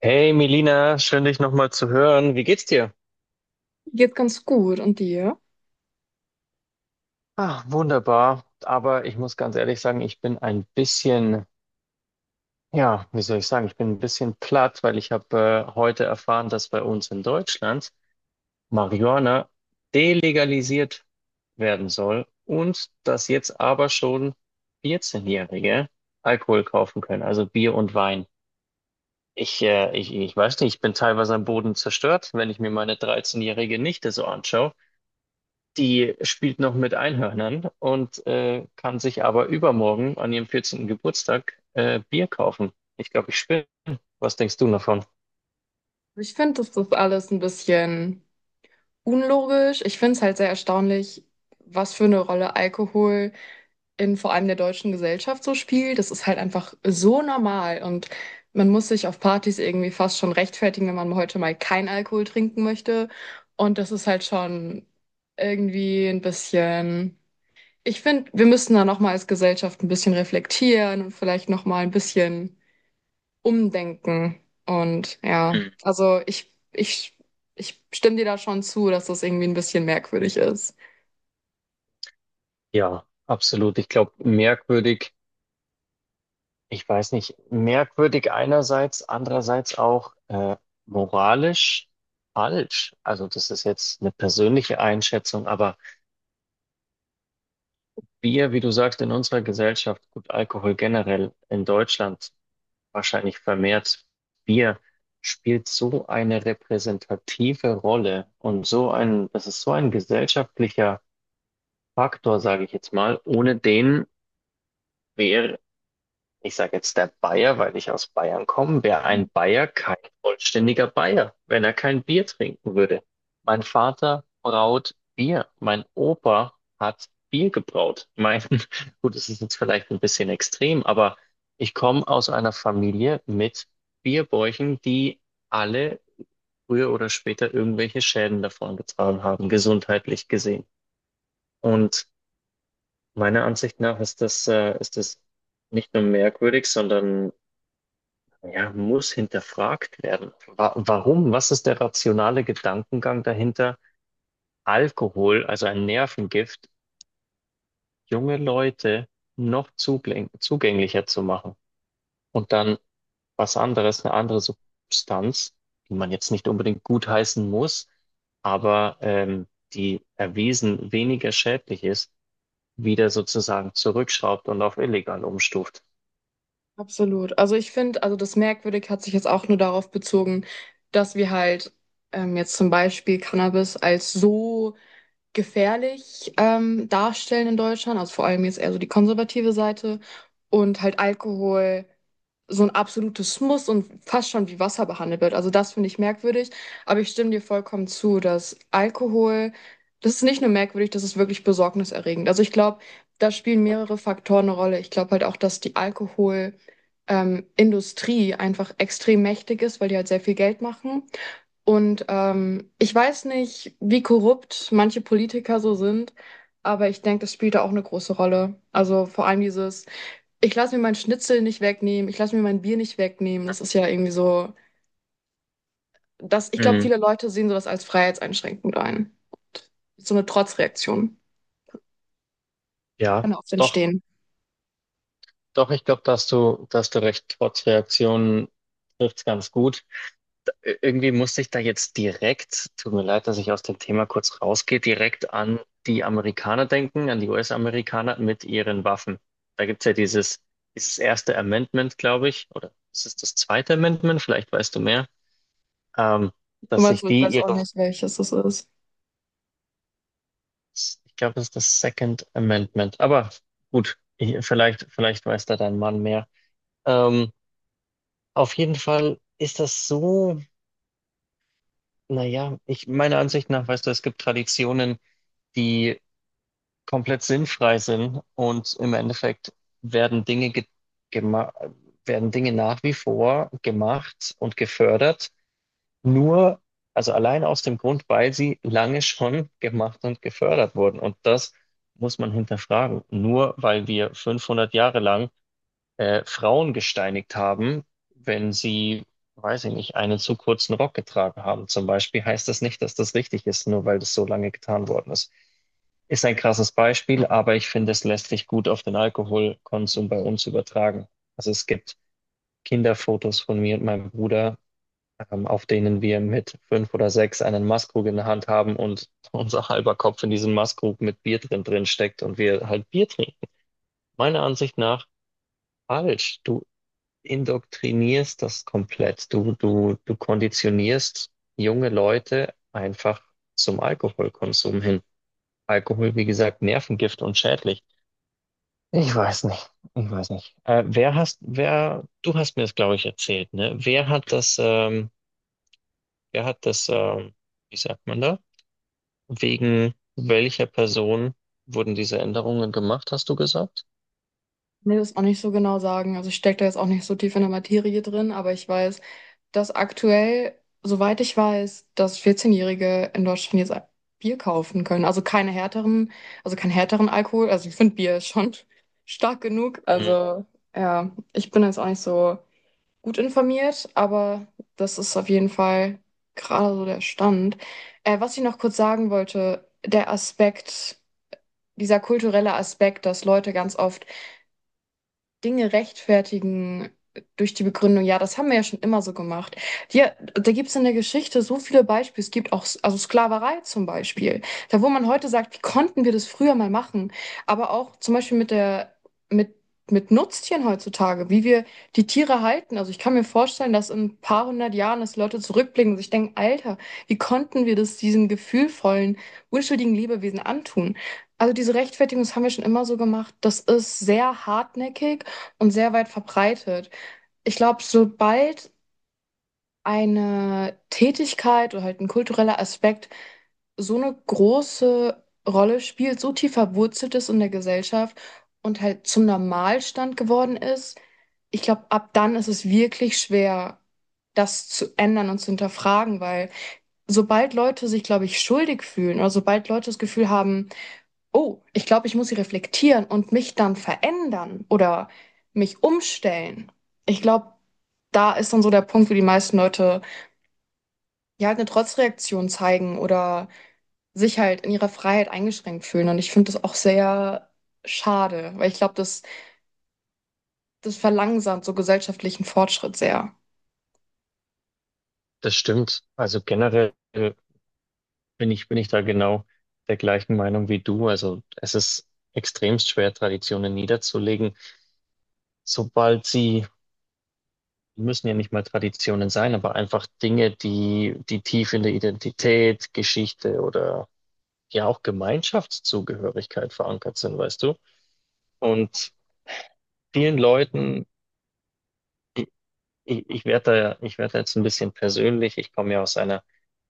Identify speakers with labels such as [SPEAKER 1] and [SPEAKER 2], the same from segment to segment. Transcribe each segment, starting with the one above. [SPEAKER 1] Hey Melina, schön dich nochmal zu hören. Wie geht's dir?
[SPEAKER 2] Geht ganz gut. Und dir?
[SPEAKER 1] Ah, wunderbar. Aber ich muss ganz ehrlich sagen, ich bin ein bisschen, ja, wie soll ich sagen, ich bin ein bisschen platt, weil ich habe heute erfahren, dass bei uns in Deutschland Marihuana delegalisiert werden soll und dass jetzt aber schon 14-Jährige Alkohol kaufen können, also Bier und Wein. Ich weiß nicht, ich bin teilweise am Boden zerstört, wenn ich mir meine 13-jährige Nichte so anschaue. Die spielt noch mit Einhörnern und kann sich aber übermorgen an ihrem 14. Geburtstag Bier kaufen. Ich glaube, ich spinne. Was denkst du davon?
[SPEAKER 2] Ich finde, das ist alles ein bisschen unlogisch. Ich finde es halt sehr erstaunlich, was für eine Rolle Alkohol in vor allem der deutschen Gesellschaft so spielt. Das ist halt einfach so normal und man muss sich auf Partys irgendwie fast schon rechtfertigen, wenn man heute mal kein Alkohol trinken möchte. Und das ist halt schon irgendwie ein bisschen. Ich finde, wir müssen da nochmal als Gesellschaft ein bisschen reflektieren und vielleicht nochmal ein bisschen umdenken. Und ja,
[SPEAKER 1] Hm.
[SPEAKER 2] also ich stimme dir da schon zu, dass das irgendwie ein bisschen merkwürdig ist.
[SPEAKER 1] Ja, absolut. Ich glaube, merkwürdig, ich weiß nicht, merkwürdig einerseits, andererseits auch moralisch falsch. Also das ist jetzt eine persönliche Einschätzung, aber wir, wie du sagst, in unserer Gesellschaft, gut, Alkohol generell in Deutschland wahrscheinlich vermehrt Bier, spielt so eine repräsentative Rolle und so ein, das ist so ein gesellschaftlicher Faktor, sage ich jetzt mal, ohne den wäre ich sage jetzt der Bayer, weil ich aus Bayern komme. Wäre ein
[SPEAKER 2] Mhm.
[SPEAKER 1] Bayer kein vollständiger Bayer, wenn er kein Bier trinken würde. Mein Vater braut Bier. Mein Opa hat Bier gebraut. Mein, gut, das ist jetzt vielleicht ein bisschen extrem, aber ich komme aus einer Familie mit Bierbäuchen, die alle früher oder später irgendwelche Schäden davon getragen haben, gesundheitlich gesehen. Und meiner Ansicht nach ist das nicht nur merkwürdig, sondern ja, muss hinterfragt werden. Wa warum? Was ist der rationale Gedankengang dahinter, Alkohol, also ein Nervengift, junge Leute noch zugänglicher zu machen? Und dann was anderes, eine andere Substanz, die man jetzt nicht unbedingt gutheißen muss, aber die erwiesen weniger schädlich ist, wieder sozusagen zurückschraubt und auf illegal umstuft.
[SPEAKER 2] Absolut. Also ich finde, also das merkwürdig hat sich jetzt auch nur darauf bezogen, dass wir halt jetzt zum Beispiel Cannabis als so gefährlich darstellen in Deutschland, also vor allem jetzt eher so die konservative Seite und halt Alkohol so ein absolutes Muss und fast schon wie Wasser behandelt wird. Also, das finde ich merkwürdig, aber ich stimme dir vollkommen zu, dass Alkohol, das ist nicht nur merkwürdig, das ist wirklich besorgniserregend. Also, ich glaube, da spielen mehrere Faktoren eine Rolle. Ich glaube halt auch, dass die Alkohol Industrie einfach extrem mächtig ist, weil die halt sehr viel Geld machen. Und ich weiß nicht, wie korrupt manche Politiker so sind, aber ich denke, das spielt da auch eine große Rolle. Also, vor allem dieses: ich lasse mir mein Schnitzel nicht wegnehmen, ich lasse mir mein Bier nicht wegnehmen. Das ist ja irgendwie so, das, ich glaube,
[SPEAKER 1] Mhm.
[SPEAKER 2] viele Leute sehen sowas als freiheitseinschränkend ein. So eine Trotzreaktion
[SPEAKER 1] Ja,
[SPEAKER 2] kann oft
[SPEAKER 1] doch.
[SPEAKER 2] entstehen.
[SPEAKER 1] Doch, ich glaube, da hast du recht. Trotz Reaktionen trifft's ganz gut. Irgendwie musste ich da jetzt direkt, tut mir leid, dass ich aus dem Thema kurz rausgehe, direkt an die Amerikaner denken, an die US-Amerikaner mit ihren Waffen. Da gibt's ja dieses erste Amendment, glaube ich, oder ist es das zweite Amendment? Vielleicht weißt du mehr, ähm,
[SPEAKER 2] Du
[SPEAKER 1] dass
[SPEAKER 2] meinst,
[SPEAKER 1] sich
[SPEAKER 2] so, ich
[SPEAKER 1] die
[SPEAKER 2] weiß auch
[SPEAKER 1] ihre,
[SPEAKER 2] nicht, welches das ist.
[SPEAKER 1] ich glaube, das ist das Second Amendment. Aber gut, ich, vielleicht weiß da dein Mann mehr. Ähm, auf jeden Fall ist das so. Naja, ich meiner Ansicht nach, weißt du, es gibt Traditionen, die komplett sinnfrei sind und im Endeffekt werden Dinge ge gema- werden Dinge nach wie vor gemacht und gefördert, nur, also allein aus dem Grund, weil sie lange schon gemacht und gefördert wurden. Und das muss man hinterfragen. Nur weil wir 500 Jahre lang Frauen gesteinigt haben, wenn sie, weiß ich nicht, einen zu kurzen Rock getragen haben. Zum Beispiel heißt das nicht, dass das richtig ist, nur weil das so lange getan worden ist. Ist ein krasses Beispiel, aber ich finde, es lässt sich gut auf den Alkoholkonsum bei uns übertragen. Also es gibt Kinderfotos von mir und meinem Bruder, auf denen wir mit fünf oder sechs einen Maßkrug in der Hand haben und unser halber Kopf in diesem Maßkrug mit Bier drin steckt und wir halt Bier trinken. Meiner Ansicht nach falsch. Du indoktrinierst das komplett. Du konditionierst junge Leute einfach zum Alkoholkonsum hin. Alkohol, wie gesagt, Nervengift und schädlich. Ich weiß nicht. Ich weiß nicht. Du hast mir das, glaube ich, erzählt, ne? Wer hat das, ähm, wie sagt man da? Wegen welcher Person wurden diese Änderungen gemacht, hast du gesagt?
[SPEAKER 2] Nee, das auch nicht so genau sagen. Also ich stecke da jetzt auch nicht so tief in der Materie drin, aber ich weiß, dass aktuell, soweit ich weiß, dass 14-Jährige in Deutschland jetzt Bier kaufen können. Also keine härteren, also keinen härteren Alkohol. Also ich finde Bier ist schon stark genug.
[SPEAKER 1] Mhm.
[SPEAKER 2] Also ja, ich bin jetzt auch nicht so gut informiert, aber das ist auf jeden Fall gerade so der Stand. Was ich noch kurz sagen wollte, der Aspekt, dieser kulturelle Aspekt, dass Leute ganz oft Dinge rechtfertigen durch die Begründung, ja, das haben wir ja schon immer so gemacht. Ja, da gibt es in der Geschichte so viele Beispiele. Es gibt auch, also Sklaverei zum Beispiel, da wo man heute sagt, wie konnten wir das früher mal machen? Aber auch zum Beispiel mit, mit Nutztieren heutzutage, wie wir die Tiere halten. Also ich kann mir vorstellen, dass in ein paar hundert Jahren, dass Leute zurückblicken und sich denken, Alter, wie konnten wir das diesen gefühlvollen, unschuldigen Lebewesen antun? Also diese Rechtfertigung, das haben wir schon immer so gemacht. Das ist sehr hartnäckig und sehr weit verbreitet. Ich glaube, sobald eine Tätigkeit oder halt ein kultureller Aspekt so eine große Rolle spielt, so tief verwurzelt ist in der Gesellschaft und halt zum Normalstand geworden ist, ich glaube, ab dann ist es wirklich schwer, das zu ändern und zu hinterfragen, weil sobald Leute sich, glaube ich, schuldig fühlen oder sobald Leute das Gefühl haben, oh, ich glaube, ich muss sie reflektieren und mich dann verändern oder mich umstellen. Ich glaube, da ist dann so der Punkt, wo die meisten Leute ja halt eine Trotzreaktion zeigen oder sich halt in ihrer Freiheit eingeschränkt fühlen. Und ich finde das auch sehr schade, weil ich glaube, das verlangsamt so gesellschaftlichen Fortschritt sehr.
[SPEAKER 1] Das stimmt. Also generell bin ich da genau der gleichen Meinung wie du. Also es ist extremst schwer, Traditionen niederzulegen, sobald sie, müssen ja nicht mal Traditionen sein, aber einfach Dinge, die tief in der Identität, Geschichte oder ja auch Gemeinschaftszugehörigkeit verankert sind, weißt du? Und vielen Leuten, ich, ich werde jetzt ein bisschen persönlich, ich komme ja aus einer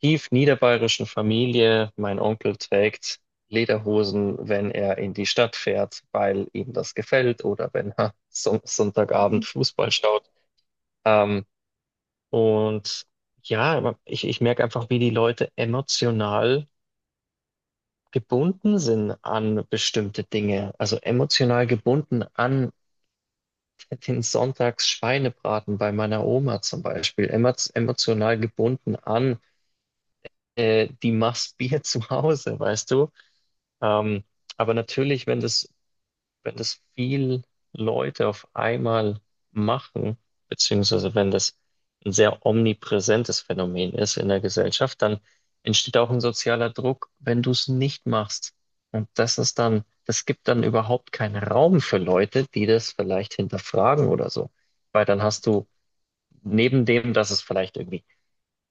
[SPEAKER 1] tief niederbayerischen Familie. Mein Onkel trägt Lederhosen, wenn er in die Stadt fährt, weil ihm das gefällt oder wenn er Sonntagabend Fußball schaut. Ähm, und ja, ich merke einfach, wie die Leute emotional gebunden sind an bestimmte Dinge. Also emotional gebunden an den Sonntagsschweinebraten bei meiner Oma zum Beispiel. Emotional gebunden an die Maß Bier zu Hause, weißt du? Ähm, aber natürlich, wenn das, viel Leute auf einmal machen, beziehungsweise wenn das ein sehr omnipräsentes Phänomen ist in der Gesellschaft, dann entsteht auch ein sozialer Druck, wenn du es nicht machst. Und das ist dann, das gibt dann überhaupt keinen Raum für Leute, die das vielleicht hinterfragen oder so. Weil dann hast du neben dem, dass es vielleicht irgendwie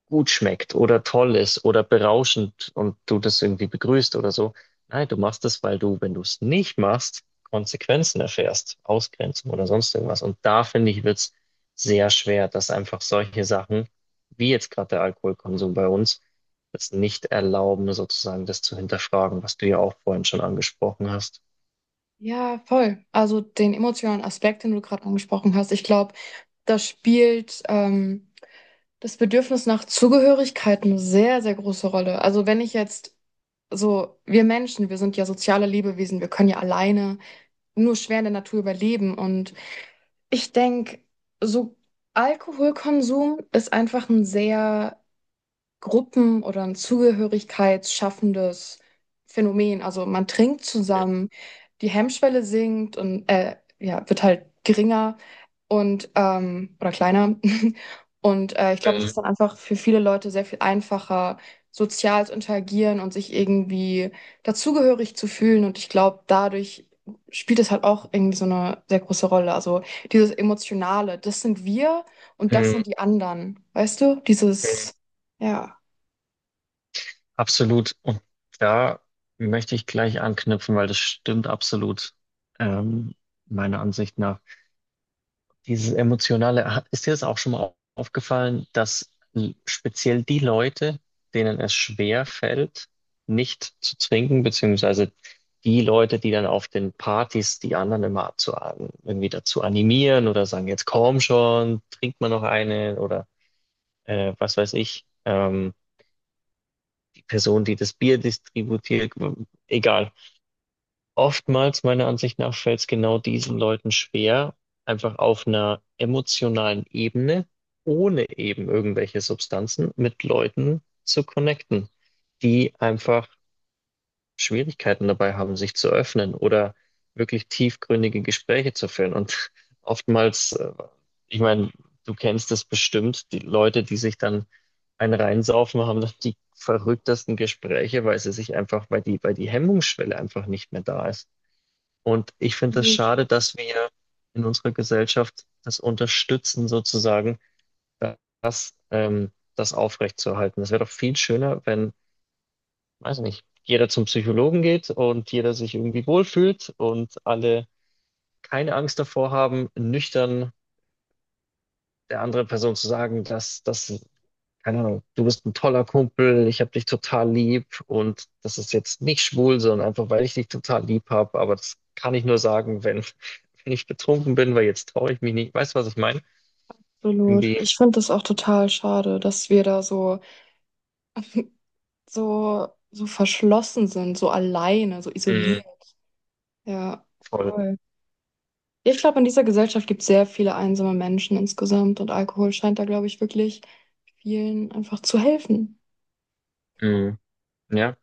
[SPEAKER 1] gut schmeckt oder toll ist oder berauschend und du das irgendwie begrüßt oder so. Nein, du machst das weil du, wenn du es nicht machst, Konsequenzen erfährst, Ausgrenzung oder sonst irgendwas. Und da finde ich, wird's sehr schwer, dass einfach solche Sachen, wie jetzt gerade der Alkoholkonsum bei uns, das nicht erlauben, sozusagen das zu hinterfragen, was du ja auch vorhin schon angesprochen hast.
[SPEAKER 2] Ja, voll. Also den emotionalen Aspekt, den du gerade angesprochen hast, ich glaube, das spielt, das Bedürfnis nach Zugehörigkeit, eine sehr, sehr große Rolle. Also wenn ich jetzt so, wir Menschen, wir sind ja soziale Lebewesen, wir können ja alleine nur schwer in der Natur überleben. Und ich denke, so Alkoholkonsum ist einfach ein sehr Gruppen- oder ein zugehörigkeitsschaffendes Phänomen. Also man trinkt zusammen, die Hemmschwelle sinkt und ja, wird halt geringer und oder kleiner. Und ich glaube, es
[SPEAKER 1] Mhm.
[SPEAKER 2] ist dann einfach für viele Leute sehr viel einfacher, sozial zu interagieren und sich irgendwie dazugehörig zu fühlen. Und ich glaube, dadurch spielt es halt auch irgendwie so eine sehr große Rolle. Also dieses Emotionale, das sind wir und das
[SPEAKER 1] Mhm.
[SPEAKER 2] sind die anderen. Weißt du? Dieses, ja.
[SPEAKER 1] Absolut. Und da möchte ich gleich anknüpfen, weil das stimmt absolut, ähm, meiner Ansicht nach. Dieses Emotionale, ist dir das auch schon mal aufgefallen, dass speziell die Leute, denen es schwer fällt, nicht zu trinken, beziehungsweise die Leute, die dann auf den Partys die anderen immer abzu irgendwie dazu animieren oder sagen, jetzt komm schon, trink mal noch eine oder was weiß ich. Person, die das Bier distributiert, egal. Oftmals, meiner Ansicht nach, fällt es genau diesen Leuten schwer, einfach auf einer emotionalen Ebene, ohne eben irgendwelche Substanzen, mit Leuten zu connecten, die einfach Schwierigkeiten dabei haben, sich zu öffnen oder wirklich tiefgründige Gespräche zu führen. Und oftmals, ich meine, du kennst es bestimmt, die Leute, die sich dann einen reinsaufen, haben dann die verrücktesten Gespräche, weil sie sich einfach, weil die Hemmungsschwelle einfach nicht mehr da ist. Und ich finde es
[SPEAKER 2] Absolut,
[SPEAKER 1] schade, dass wir in unserer Gesellschaft das unterstützen, sozusagen, das aufrechtzuerhalten. Es wäre doch viel schöner, wenn weiß nicht, jeder zum Psychologen geht und jeder sich irgendwie wohlfühlt und alle keine Angst davor haben, nüchtern der anderen Person zu sagen, dass das, keine Ahnung, du bist ein toller Kumpel, ich habe dich total lieb und das ist jetzt nicht schwul, sondern einfach, weil ich dich total lieb habe, aber das kann ich nur sagen, wenn, wenn ich betrunken bin, weil jetzt traue ich mich nicht. Weißt du, was ich meine?
[SPEAKER 2] absolut.
[SPEAKER 1] Irgendwie,
[SPEAKER 2] Ich finde das auch total schade, dass wir da so, so, so verschlossen sind, so alleine, so
[SPEAKER 1] mm,
[SPEAKER 2] isoliert. Ja,
[SPEAKER 1] voll.
[SPEAKER 2] voll. Ich glaube, in dieser Gesellschaft gibt es sehr viele einsame Menschen insgesamt und Alkohol scheint da, glaube ich, wirklich vielen einfach zu helfen.
[SPEAKER 1] Mm, ja,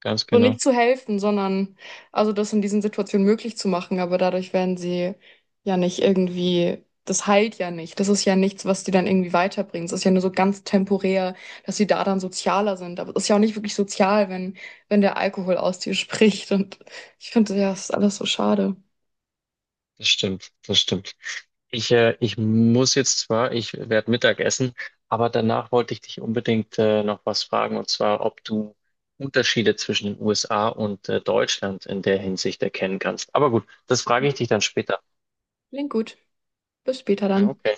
[SPEAKER 1] ganz
[SPEAKER 2] So
[SPEAKER 1] genau.
[SPEAKER 2] nicht zu helfen, sondern also das in diesen Situationen möglich zu machen, aber dadurch werden sie ja nicht irgendwie, das heilt ja nicht. Das ist ja nichts, was die dann irgendwie weiterbringt. Es ist ja nur so ganz temporär, dass sie da dann sozialer sind. Aber es ist ja auch nicht wirklich sozial, wenn, wenn der Alkohol aus dir spricht. Und ich finde, ja, es ist alles so schade.
[SPEAKER 1] Das stimmt, das stimmt. Ich muss jetzt zwar, ich werde Mittag essen, aber danach wollte ich dich unbedingt noch was fragen, und zwar, ob du Unterschiede zwischen den USA und Deutschland in der Hinsicht erkennen kannst. Aber gut, das frage ich
[SPEAKER 2] Mhm.
[SPEAKER 1] dich dann später.
[SPEAKER 2] Klingt gut. Bis später dann.
[SPEAKER 1] Okay.